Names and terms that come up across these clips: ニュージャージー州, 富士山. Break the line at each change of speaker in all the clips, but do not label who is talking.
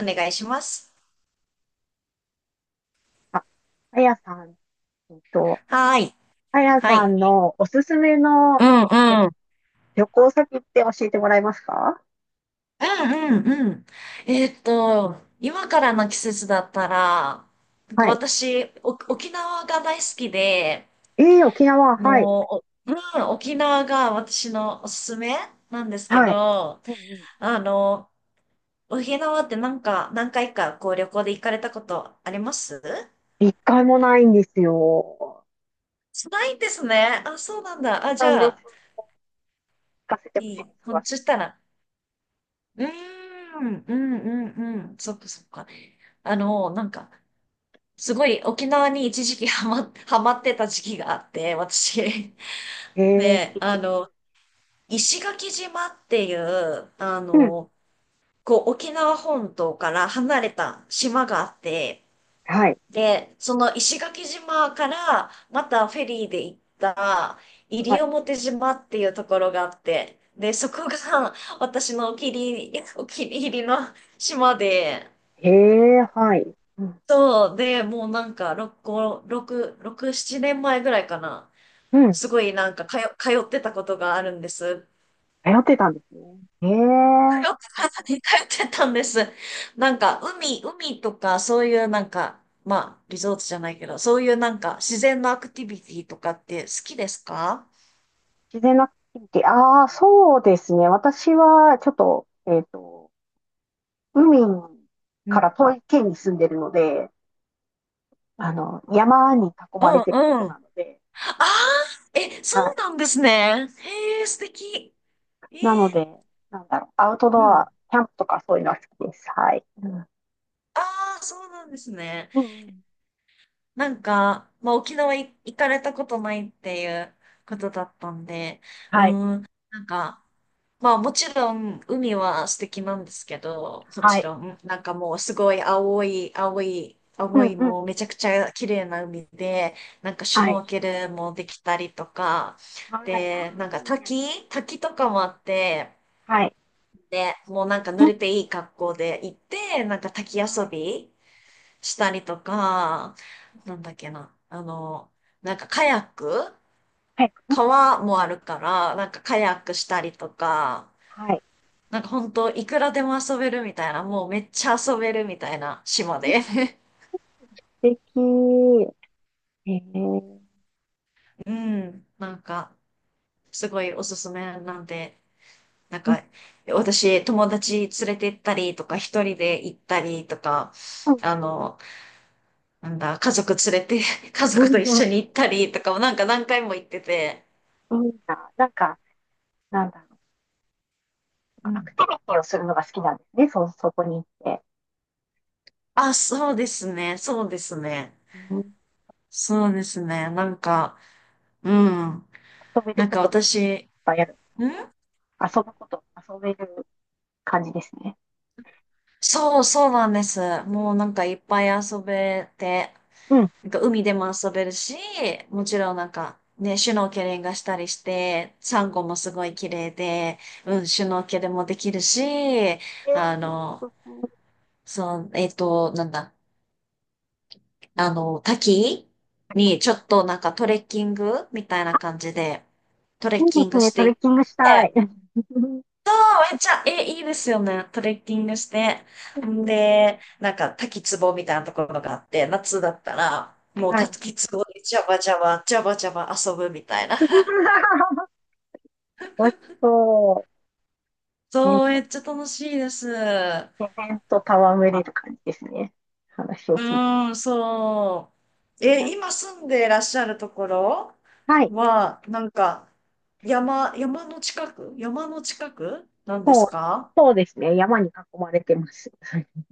お願いします。
あ、あやさん、えっと、
はーい。
あや
は
さ
い。
んのおすすめの
うん
旅
うん。
旅行先って教えてもらえますか？
うんうんうん。えーっと、今からの季節だったら、なんか
はい。
私、お沖縄が大好きで、
ええ、沖縄、はい。
もう、おうん、沖縄が私のおすすめなんですけ
はい。
ど、
うんうん。
あの、沖縄ってなんか、何回かこう旅行で行かれたことあります
一回もないんですよ。
ないんですね。あ、そうなんだ。
そ
あ、
う
じ
なんで
ゃ
す。
あ、
聞かせてほし
い
いで
い。
す、
ほん、
詳しく。
そしたら、うーん、うん、うん、うん。そっかそっか。あの、なんか、すごい沖縄に一時期 ハマってた時期があって、私。
ええ、
ね、
素
あ
敵。
の、石垣島っていう、あ
うん。
の、こう、沖縄本島から離れた島があって、
はい。
で、その石垣島からまたフェリーで行った
は
西
い。
表島っていうところがあって、で、そこが 私のお気に入り、お気に入りの島で、
ええ、はい。うん。
そう、で、もうなんか、6、5、6、6、7年前ぐらいかな。
うん。
すごいなんか、通ってたことがあるんです。
迷ってたんですね。ええ、
通ってたんです。なんか、海とか、そういうなんか、まあ、リゾートじゃないけど、そういうなんか、自然のアクティビティとかって好きですか？
自然なアクティビティ。ああ、そうですね。私は、ちょっと、海
う
か
ん。
ら遠い県に住んでるので、あの、山に囲
う
ま
ん
れてるとこ
うん。
な
あ
ので、
あ、え、
は
そう
い。
なんですね。へえ、素敵。えー、
なので、なんだろう、アウトド
うん。
ア、キャンプとかそういうのは好きです。はい。うん。
ああ、そうなんですね。
うんうん。
なんか、まあ、沖縄い行かれたことないっていうことだったんで、うー
はい。
ん、なんか、まあもちろん海は素敵なんですけど、も
は
ち
い。
ろん、なんかもうすごい青い、青い、
う
青
ん
い
うん。
もうめちゃくちゃ綺麗な海で、なんかシュ
は
ノ
い。
ーケルもできたりとか、
はい。あ
で、なん
あ、
か
いいな。
滝とかもあって、
はい。
で、もうなんか濡
金、
れていい格好で行って、なんか滝
は
遊
い。
び、したりとか、なんだっけな、あの、なんかカヤック、
はい。うん。
川もあるから、なんかカヤックしたりとか、
はい。
なんか本当いくらでも遊べるみたいな、もうめっちゃ遊べるみたいな島
金、
で。
素 敵。ええー、
うん、なんか、すごいおすすめなんで、なん
うん
か、私、友達連れて行ったりとか、一人で行ったりとか、
うん。
あの、なんだ、家族連れて、家
全
族と一
然
緒に行ったりとかもなんか何回も行ってて、
いいな。なんか、なんだろう。
う
ア
ん、
クティビティをするのが好きなんですね。そこに行って。
あ、そうですね。そうですね。
うん、
そうですね。なんか、うん。
遊べる
なん
こ
か
とがいっ
私、
ぱいある。
ん、
遊ぶこと、遊べる感じですね。
そう、そうなんです。もうなんかいっぱい遊べて、
うん。
なんか海でも遊べるし、もちろんなんかね、シュノーケリングしたりして、サンゴもすごい綺麗で、うん、シュノーケルもできるし、
えー、トレ
あの、
ッキング、
そう、なんだ。あの、滝にちょっとなんかトレッキングみたいな感じで、トレ
い
ッ
いで
キン
す
グ
ね。
し
ト
て
レ
い
ッ
っ
キングした
て、
い。うん。
あ、めっちゃ、え、いいですよね。トレッキングして。んで、なんか滝壺みたいなところがあって、夏だったら、もう
はい。
滝壺でジャバジャバ、ジャバジャバ遊ぶみたいな。
美味しそう。ね、
そう、めっちゃ楽しいです。
自然と戯れる感じですね。話を
う
聞いてる。
ーん、そう。え、今住んでいらっしゃるところ
はい。
は、なんか、山の山の近くなんで
もう、
すか？
そうですね。山に囲まれてます。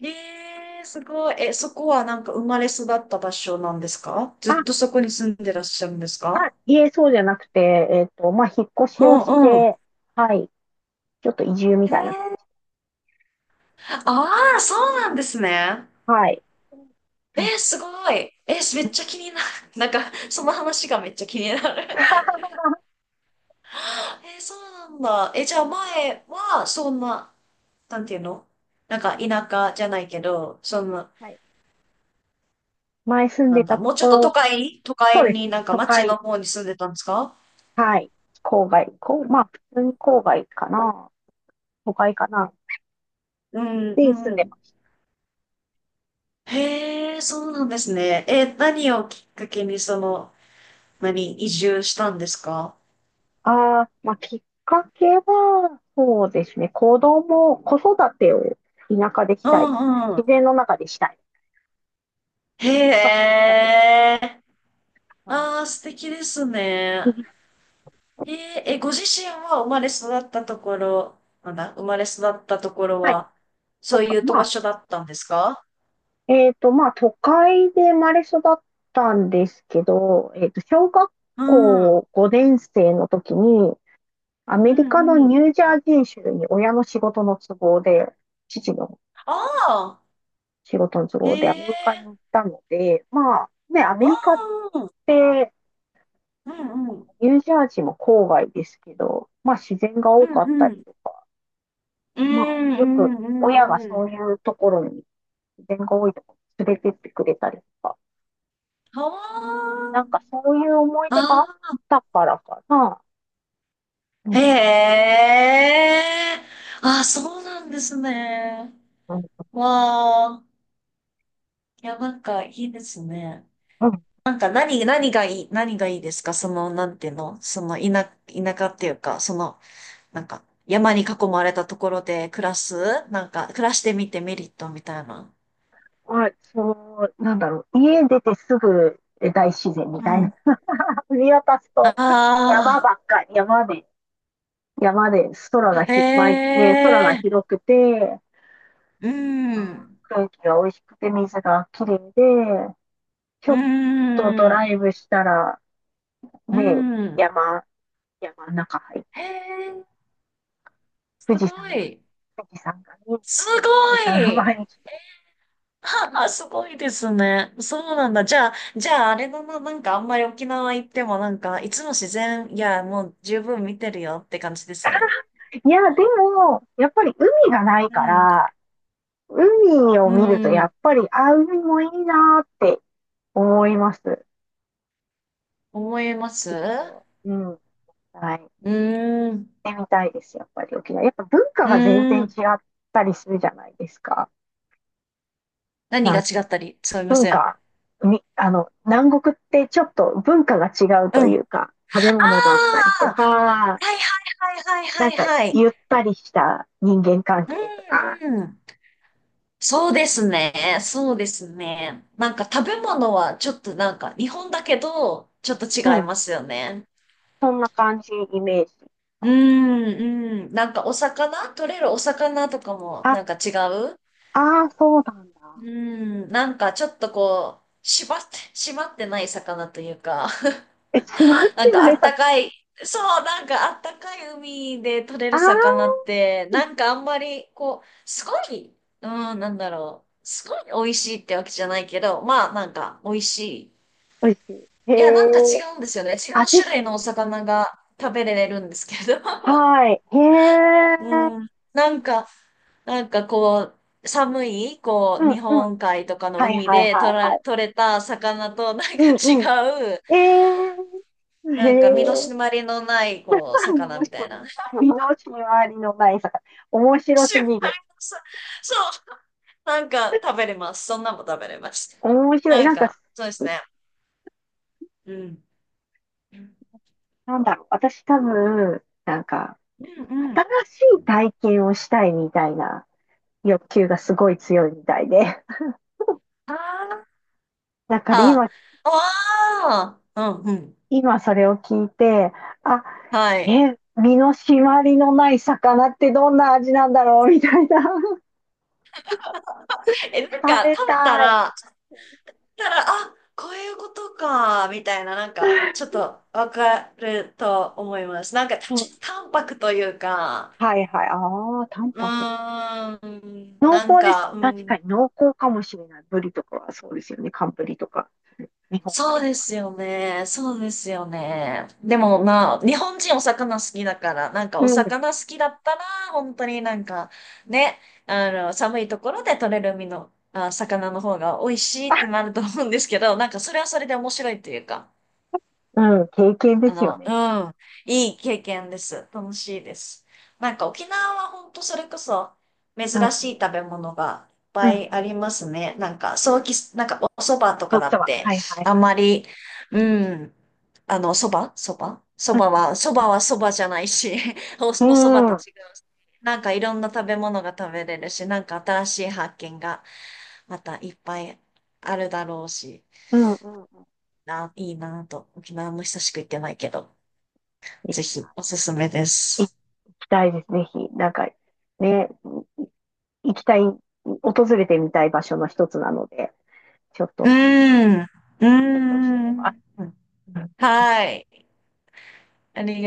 えー、すごい。え、そこはなんか生まれ育った場所なんですか？ず
あ、
っとそこに住んでらっしゃるんです
あ、
か？
いえ、そうじゃなくて、まあ、引っ越
う
しをし
んうん。
て、はい。ちょっと移住み
へえ、
たいな感じ。
ああ、そうなんですね。
はい。
えー、すごい。えー、めっちゃ気になる。なんか、その話がめっちゃ気になる。
は
えー、そうなんだ。え、じゃあ前は、そんな、なんていうの？なんか田舎じゃないけど、その、
い。前住ん
な
で
んだ、
た
も
と
うちょ
こ
っと
ろ、
都
そう
会
です
にな
ね。
んか
都
町の
会、
方に住んでたんですか？
はい。郊外、こう、まあ、普通に郊外かな。都会かな。
うん、
で、住ん
う
でま
ん。
す。
へえ、そうなんですね。え、何をきっかけにその、何、移住したんですか？
ああ、まあ、きっかけは、そうですね。子供、子育てを田舎でし
う
たいみたいな。
ん、うん。
自然の中でしたい。のがき
へ
っかけです。
え、
はい。
ああ、素敵ですね。へええ、ご自身は生まれ育ったところ、なんだ、生まれ育ったところ
はい。
は、
と
そうい
か、
うと
ま
場
あ、
所だったんですか？
まあ、都会で生まれ育ったんですけど、小学
うん。うん
校5年生の時に、ア
う
メリカのニ
ん。
ュージャージー州に親の仕事の都合で、父の
ああ、
仕事の都
え
合でアメリカに行
え、
ったので、まあね、アメ
あ
リカっ
あ、
て
うんうん。
ニュージャージーも郊外ですけど、まあ自然が
う
多
ん
かった
う
り
ん。
とか、
う
まあ
んう
よく
んう
親が
んう
そ
ん。
ういうところに自然が多いところに連れてってくれたりとか、
は
なんかそういう思い出が
あ。
あっ
あ
たからかな。う
あ、へ
ん
え。ああ、そうなんですね。
うん
わあ。いや、なんかいいですね。
うん。
なんか何がいいですか？その、なんていうの、その、田舎っていうか、その、なんか、山に囲まれたところで暮らす、なんか、暮らしてみてメリットみたいな。
まあ、そう、なんだろう。家出てすぐ大自然み
う
たいな、
ん。
見渡す
あ
と山
あ、
ばっかり、山で空が
へ
まいね、空が
え、
広くて、
う
まあ
ん、
ー空気が美味しくて水がきれいで、ちょ
う
っとドラ
ん、
イブしたら、
う
ね、
ん。
山、山の中入っ
へ
て、
え、
富
す
士
ご
山が、
い。
富士山がて、
す
綺麗な富
ご
士山が
い。
毎日。
はあ、すごいですね。そうなんだ。じゃあ、じゃあ、あれだな、なんかあんまり沖縄行ってもなんか、いつも自然、いや、もう十分見てるよって感じですね。
いや、でも、やっぱり海がない
う
か
ん。
ら、海を
う
見るとやっ
ん。
ぱり、あ、海もいいなーって思います。
思いますう、
うん。はい。
ーん。
ってみたいです、やっぱり沖縄。やっぱ文化
う
が全然
ー
違
ん。
ったりするじゃないですか。
何
な
が
んてい
違
う。
ったり、すみま
文
せん。
化、み、あの、南国ってちょっと文化が違う
う
と
ん。あ
いうか、食べ物だったりと
あ、
か、
はいはいはい
な
は
ん
い
か
はいはい。
ゆったりした人間関係とか、
うんうん。そうですね。そうですね。なんか食べ物はちょっとなんか日本だけど、ちょっと
う
違い
ん、
ますよね。
そんな感じ、イメージ。
うーん、うん。なんかお魚、取れるお魚とかも
あ、
なんか違う、
ああ、そうなん
う
だ。
ーん、なんかちょっとこう、縛って、締まってない魚というか、
え、閉まっ
なん
て
か
な
あ
い
っ
さ。
たかい、そう、なんかあったかい海で取れ
あ
る
あ、
魚って、なんかあんまりこう、すごい、うん、なんだろう、すごい美味しいってわけじゃないけど、まあなんか美味しい。
美味しい。へ
いや、な
え、
んか違うんですよね。違う
味
種
が、
類のお魚が食べれるんですけど。
はい。へえ、
うん、なんか、なんかこう、寒い、こ
う
う、
ん、
日
うん。
本海とかの
はい、はい、
海
はい、
で
はい。
取れた魚となん
う
か
んうん。
違う、
えー、へ
なんか身の締
え、
まりのない、こう、
何
魚
の
みた
人
い
も
な。
身の回りのない魚。面白
シ
す
ュッ、
ぎる。
さ、そう、なんか食べれます。そんなんも食べれます。
面白い。
なん
なんか、
か、そうですね。うん。うん
なんだろう。私多分、なんか、
うん。
新しい体験をしたいみたいな欲求がすごい強いみたいで。
あ
なんかね、
あ、ああ、うんうん。
今それを聞いて、あ、
はい。
え、身の締まりのない魚ってどんな味なんだろうみたいな。
え、なん
食
か
べ
食べた
たい。
ら、たら、あ、こういうことか、みたいな、なんか、ちょっとわかると思います。なんか、
う
ちょっ
ん、
と淡白というか、
はいはい。ああ、淡
う
白な。
ーん、
濃
なん
厚です。
か、う
確か
ん、
に濃厚かもしれない。ブリとかはそうですよね。寒ブリとか、日本
そ
海
うで
側。
すよね。そうですよね。でも、まあ、日本人お魚好きだから、なんか
う
お
ん。
魚好きだったら、本当になんか、ね、あの、寒いところで取れる海の、あ、魚の方が美味しいって
あ、
なると思うんですけど、なんかそれはそれで面白いというか。
うん、経験で
あ
すよ
の、
ね。
うん、いい経験です。楽しいです。なんか沖縄は本当それこそ珍
うん、う
しい食べ物がいっ
ん、
ぱ
うん、う
いあ
ん。
りますね。なんか、早期なんかお蕎麦と
そ
か
う
だ
そう、
っ
は
て、
いはい
あん
はい。
まり、うん、あの、蕎麦は、蕎麦じゃないし、お、お
う
蕎麦
ん、うん、
と
う
違う
ん、
し。なんかいろんな食べ物が食べれるし、なんか新しい発見がまたいっぱいあるだろうし、
うん。うん、
な、いいなぁと、沖縄も久しく行ってないけど。
い
ぜ
い
ひ
な。
おすすめで
行
す。
きたいです、ぜひ。なんか、ね、行きたい、訪れてみたい場所の一つなので、ちょっ
う
と
ーん。うー
検討してみます。
ん。はい。あり